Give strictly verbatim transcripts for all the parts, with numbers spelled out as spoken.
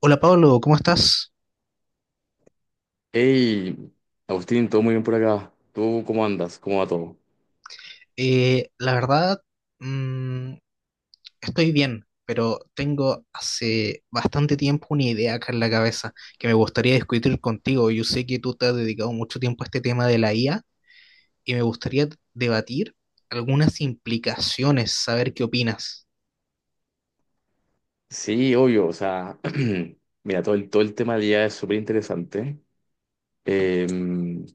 Hola Pablo, ¿cómo estás? Hey, Agustín, todo muy bien por acá. ¿Tú cómo andas? ¿Cómo va todo? Eh, la verdad, mm, estoy bien, pero tengo hace bastante tiempo una idea acá en la cabeza que me gustaría discutir contigo. Yo sé que tú te has dedicado mucho tiempo a este tema de la I A y me gustaría debatir algunas implicaciones, saber qué opinas. Sí, obvio, o sea, mira, todo el, todo el tema del I A es súper interesante. Eh, mira,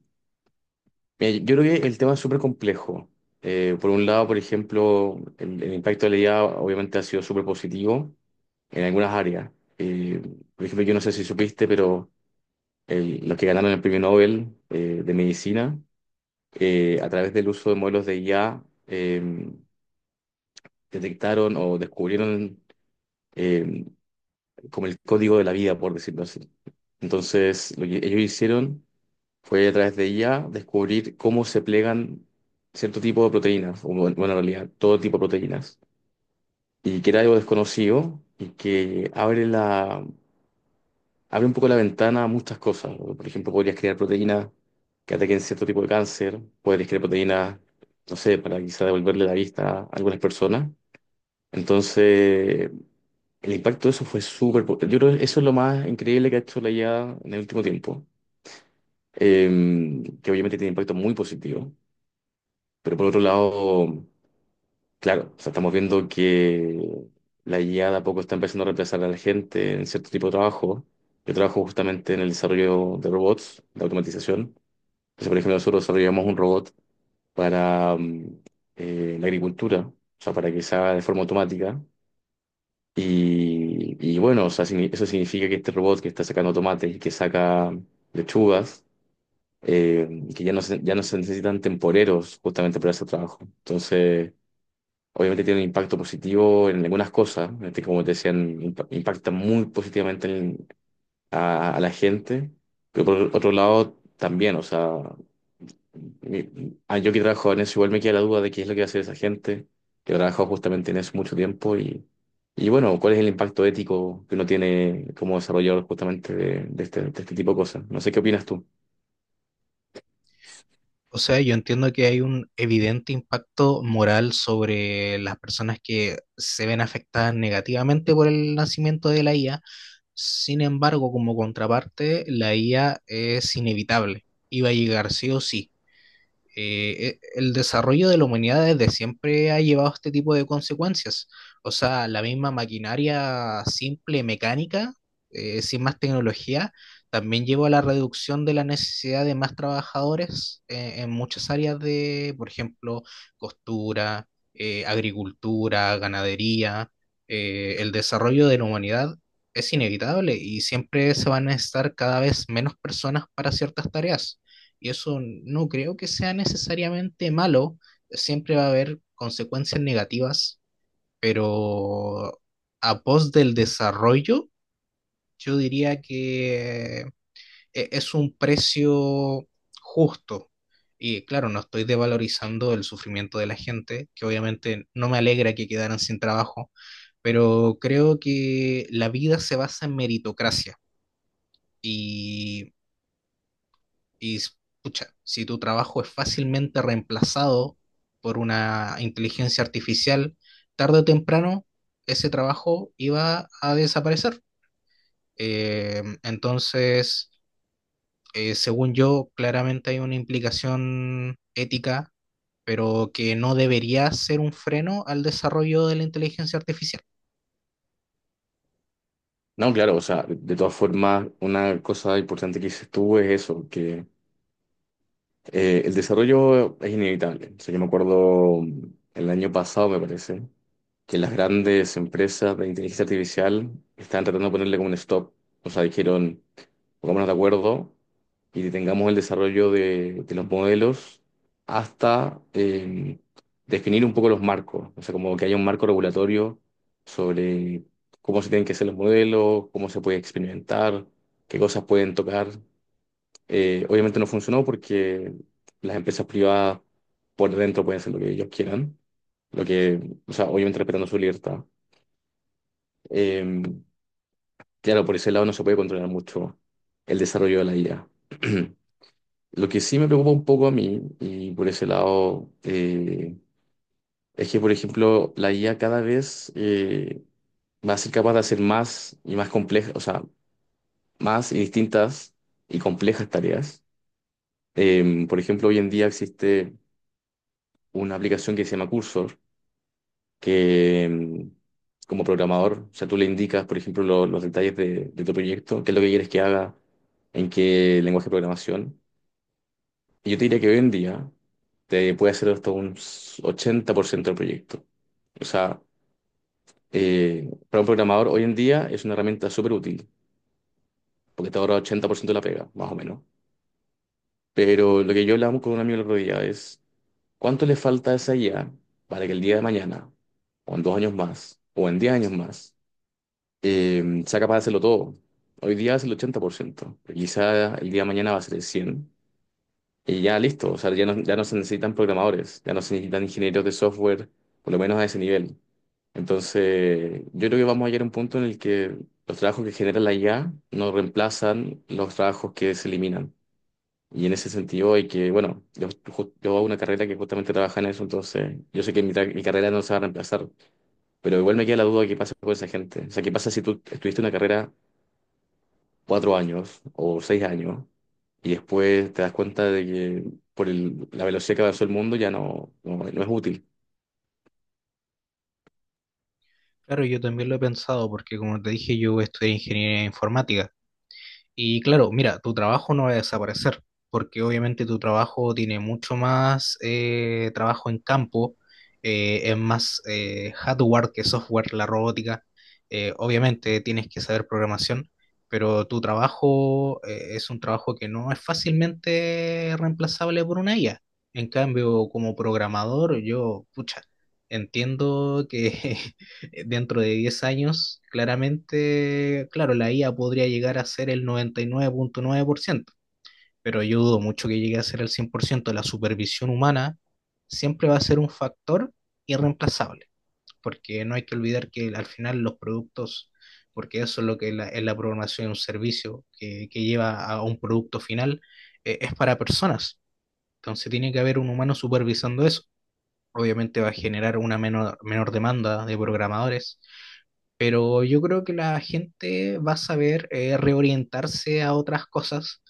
yo creo que el tema es súper complejo. Eh, por un lado, por ejemplo, el, el impacto de la I A obviamente ha sido súper positivo en algunas áreas. Eh, por ejemplo, yo no sé si supiste, pero el- los que ganaron el premio Nobel eh, de medicina, eh, a través del uso de modelos de I A, eh, detectaron o descubrieron eh, como el código de la vida, por decirlo así. Entonces, lo que ellos hicieron fue a través de ella descubrir cómo se plegan cierto tipo de proteínas, o bueno, bueno, en realidad todo tipo de proteínas, y que era algo desconocido y que abre la, abre un poco la ventana a muchas cosas. Por ejemplo, podrías crear proteínas que ataquen cierto tipo de cáncer, podrías crear proteínas, no sé, para quizá devolverle la vista a algunas personas. Entonces, el impacto de eso fue súper... po- yo creo que eso es lo más increíble que ha hecho la I A en el último tiempo, eh, que obviamente tiene impacto muy positivo, pero por otro lado, claro, o sea, estamos viendo que la I A de a poco está empezando a reemplazar a la gente en cierto tipo de trabajo. Yo trabajo justamente en el desarrollo de robots, de automatización. Entonces, por ejemplo, nosotros desarrollamos un robot para mm, eh, la agricultura, o sea, para que se haga de forma automática. Y, y bueno, o sea, signi- eso significa que este robot que está sacando tomates y que saca lechugas, eh, que ya no se, ya no se necesitan temporeros justamente para ese trabajo. Entonces, obviamente tiene un impacto positivo en algunas cosas, este, como te decían, impa- impacta muy positivamente en- a, a la gente, pero por otro lado también, o sea, mi- ah, yo que trabajo en eso, igual me queda la duda de qué es lo que hace esa gente, que trabaja justamente en eso mucho tiempo y, y bueno, cuál es el impacto ético que uno tiene como desarrollador justamente de, de este, de este tipo de cosas. No sé qué opinas tú. O sea, yo entiendo que hay un evidente impacto moral sobre las personas que se ven afectadas negativamente por el nacimiento de la I A. Sin embargo, como contraparte, la I A es inevitable. Iba a llegar sí o sí eh, e- el desarrollo de la humanidad desde siempre ha llevado este tipo de consecuencias. O sea, la misma maquinaria simple, mecánica, eh, sin más tecnología, también llevó a la reducción de la necesidad de más trabajadores eh, en muchas áreas de, por ejemplo, costura, eh, agricultura, ganadería. Eh, el desarrollo de la humanidad es inevitable y siempre se van a necesitar cada vez menos personas para ciertas tareas. Y eso no creo que sea necesariamente malo, siempre va a haber consecuencias negativas, pero a pos del desarrollo, yo diría que eh, es un precio justo. Y claro, no estoy devalorizando el sufrimiento de la gente, que obviamente no me alegra que quedaran sin trabajo, pero creo que la vida se basa en meritocracia y Y pucha, si tu trabajo es fácilmente reemplazado por una inteligencia artificial, tarde o temprano ese trabajo iba a desaparecer. Eh, entonces, eh, según yo, claramente hay una implicación ética, pero que no debería ser un freno al desarrollo de la inteligencia artificial. No, claro, o sea, de todas formas, una cosa importante que dices tú es eso, que eh, el desarrollo es inevitable. O sea, yo me acuerdo mm, el año pasado, me parece, que las grandes empresas de inteligencia artificial estaban tratando de ponerle como un stop. O sea, dijeron, pongámonos de acuerdo y tengamos el desarrollo de, de los modelos hasta eh, definir un poco los marcos, o sea, como que haya un marco regulatorio sobre cómo se tienen que hacer los modelos, cómo se puede experimentar, qué cosas pueden tocar. Eh, obviamente no funcionó porque las empresas privadas por dentro pueden hacer lo que ellos quieran, lo que, o sea, obviamente respetando su libertad. Eh, claro, por ese lado no se puede controlar mucho el desarrollo de la I A. Lo que sí me preocupa un poco a mí, y por ese lado, eh, es que, por ejemplo, la I A cada vez eh, va a ser capaz de hacer más y más complejas, o sea, más y distintas y complejas tareas. Eh, por ejemplo, hoy en día existe una aplicación que se llama Cursor, que em, como programador, o sea, tú le indicas, por ejemplo, lo- los detalles de, de tu proyecto, qué es lo que quieres que haga, en qué lenguaje de programación. Yo te diría que hoy en día te puede hacer hasta un ochenta por ciento del proyecto. O sea, eh, para un programador hoy en día es una herramienta súper útil, porque te ahorra ochenta por ciento de la pega, más o menos. Pero lo que yo hablamos con un amigo el otro día es, ¿cuánto le falta a esa I A para que el día de mañana, o en dos años más, o en diez años más, eh, sea capaz de hacerlo todo? Hoy día es el ochenta por ciento, pero quizá el día de mañana va a ser el cien, y ya listo, o sea, ya no, ya no se necesitan programadores, ya no se necesitan ingenieros de software, por lo menos a ese nivel. Entonces, yo creo que vamos a llegar a un punto en el que los trabajos que genera la I A no reemplazan los trabajos que se eliminan. Y en ese sentido hay que, bueno, yo, ju- yo hago una carrera que justamente trabaja en eso, entonces yo sé que mi, tra- mi carrera no se va a reemplazar, pero igual me queda la duda de qué pasa con esa gente. O sea, ¿qué pasa si tú estuviste una carrera cuatro años o seis años y después te das cuenta de que por el- la velocidad que avanzó el mundo ya no, no, no es útil. Claro, yo también lo he pensado porque, como te dije, yo estudié ingeniería informática. Y claro, mira, tu trabajo no va a desaparecer, porque obviamente tu trabajo tiene mucho más eh, trabajo en campo, eh, es más eh, hardware que software, la robótica. Eh, obviamente tienes que saber programación, pero tu trabajo eh, es un trabajo que no es fácilmente reemplazable por una I A. En cambio, como programador, yo, pucha, entiendo que eh, dentro de diez años, claramente, claro, la I A podría llegar a ser el noventa y nueve coma nueve por ciento, pero yo dudo mucho que llegue a ser el cien por ciento. La supervisión humana siempre va a ser un factor irreemplazable, porque no hay que olvidar que al final los productos, porque eso es lo que es la, es la programación de un servicio que, que lleva a un producto final, eh, es para personas. Entonces tiene que haber un humano supervisando eso. Obviamente va a generar una menor, menor demanda de programadores, pero yo creo que la gente va a saber eh, reorientarse a otras cosas,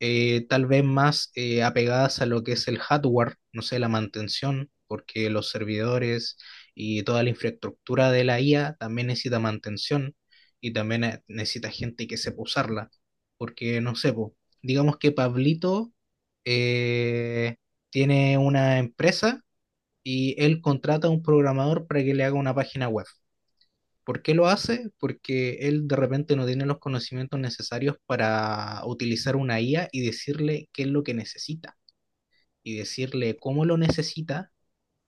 eh, tal vez más eh, apegadas a lo que es el hardware, no sé, la mantención, porque los servidores y toda la infraestructura de la I A también necesita mantención y también eh, necesita gente que sepa usarla, porque no sé, po, digamos que Pablito eh, tiene una empresa y él contrata a un programador para que le haga una página web. ¿Por qué lo hace? Porque él de repente no tiene los conocimientos necesarios para utilizar una I A y decirle qué es lo que necesita y decirle cómo lo necesita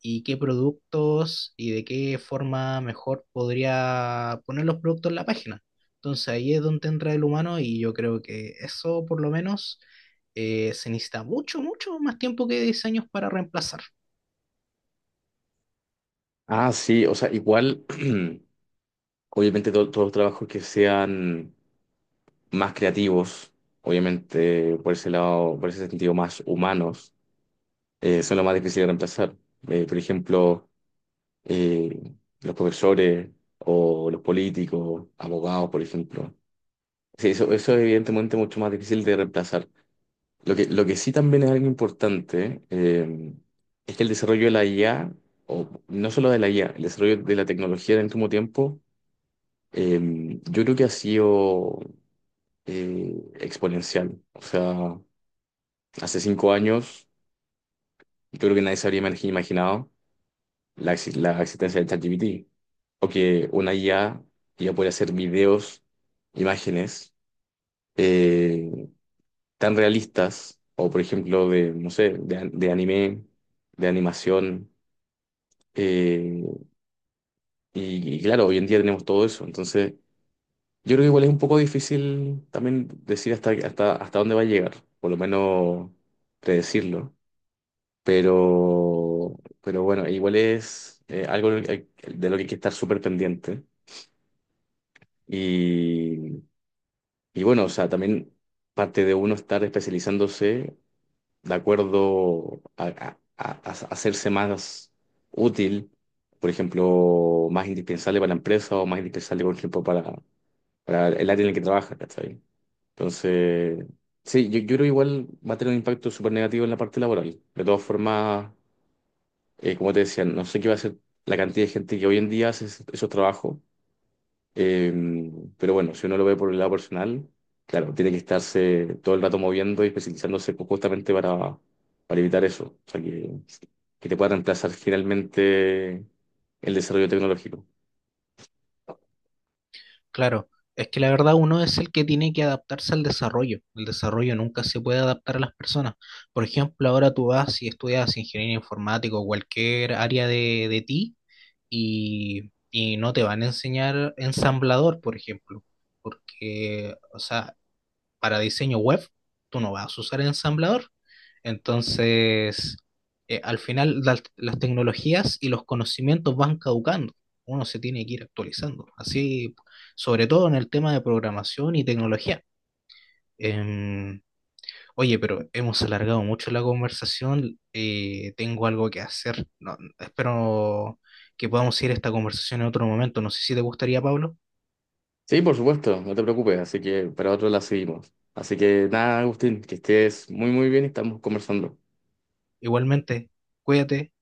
y qué productos y de qué forma mejor podría poner los productos en la página. Entonces ahí es donde entra el humano y yo creo que eso por lo menos eh, se necesita mucho, mucho más tiempo que diez años para reemplazar. Ah, sí, o sea, igual, obviamente to- todos los trabajos que sean más creativos, obviamente por ese lado, por ese sentido más humanos, eh, son los más difíciles de reemplazar. Eh, por ejemplo, eh, los profesores o los políticos, abogados, por ejemplo. Sí, eso, eso es evidentemente mucho más difícil de reemplazar. Lo que, lo que sí también es algo importante eh, es que el desarrollo de la I A, o no solo de la I A, el desarrollo de la tecnología en el último tiempo, eh, yo creo que ha sido eh, exponencial. O sea, hace cinco años yo creo que nadie se habría imagi- imaginado la, exi- la existencia de ChatGPT, o que una I A ya puede hacer videos, imágenes eh, tan realistas, o por ejemplo de, no sé, de, an- de anime, de animación. Eh, y, y claro, hoy en día tenemos todo eso. Entonces, yo creo que igual es un poco difícil también decir hasta, hasta, hasta dónde va a llegar, por lo menos predecirlo. Pero, pero bueno, igual es eh, algo de lo que hay que estar súper pendiente. Y, y bueno, o sea, también parte de uno estar especializándose de acuerdo a, a- a- a hacerse más útil, por ejemplo, más indispensable para la empresa o más indispensable, por ejemplo, para, para el área en el que trabaja, ¿cachai? Entonces, sí, yo, yo creo que igual va a tener un impacto súper negativo en la parte laboral. De todas formas, eh, como te decía, no sé qué va a ser la cantidad de gente que hoy en día hace es- esos trabajos, eh, pero bueno, si uno lo ve por el lado personal, claro, tiene que estarse todo el rato moviendo y especializándose ju- justamente para, para evitar eso, o sea, que, que te pueda reemplazar finalmente el desarrollo tecnológico. Claro, es que la verdad uno es el que tiene que adaptarse al desarrollo. El desarrollo nunca se puede adaptar a las personas. Por ejemplo, ahora tú vas y estudias ingeniería informática o cualquier área de, de ti y, y no te van a enseñar ensamblador, por ejemplo, porque, o sea, para diseño web, tú no vas a usar el ensamblador. Entonces, eh, al final las, las tecnologías y los conocimientos van caducando. Uno se tiene que ir actualizando. Así, sobre todo en el tema de programación y tecnología. Em, Oye, pero hemos alargado mucho la conversación. Eh, tengo algo que hacer. No, espero que podamos ir a esta conversación en otro momento. No sé si te gustaría, Pablo. Sí, por supuesto, no te preocupes, así que para otro la seguimos. Así que nada, Agustín, que estés muy muy bien y estamos conversando. Igualmente, cuídate.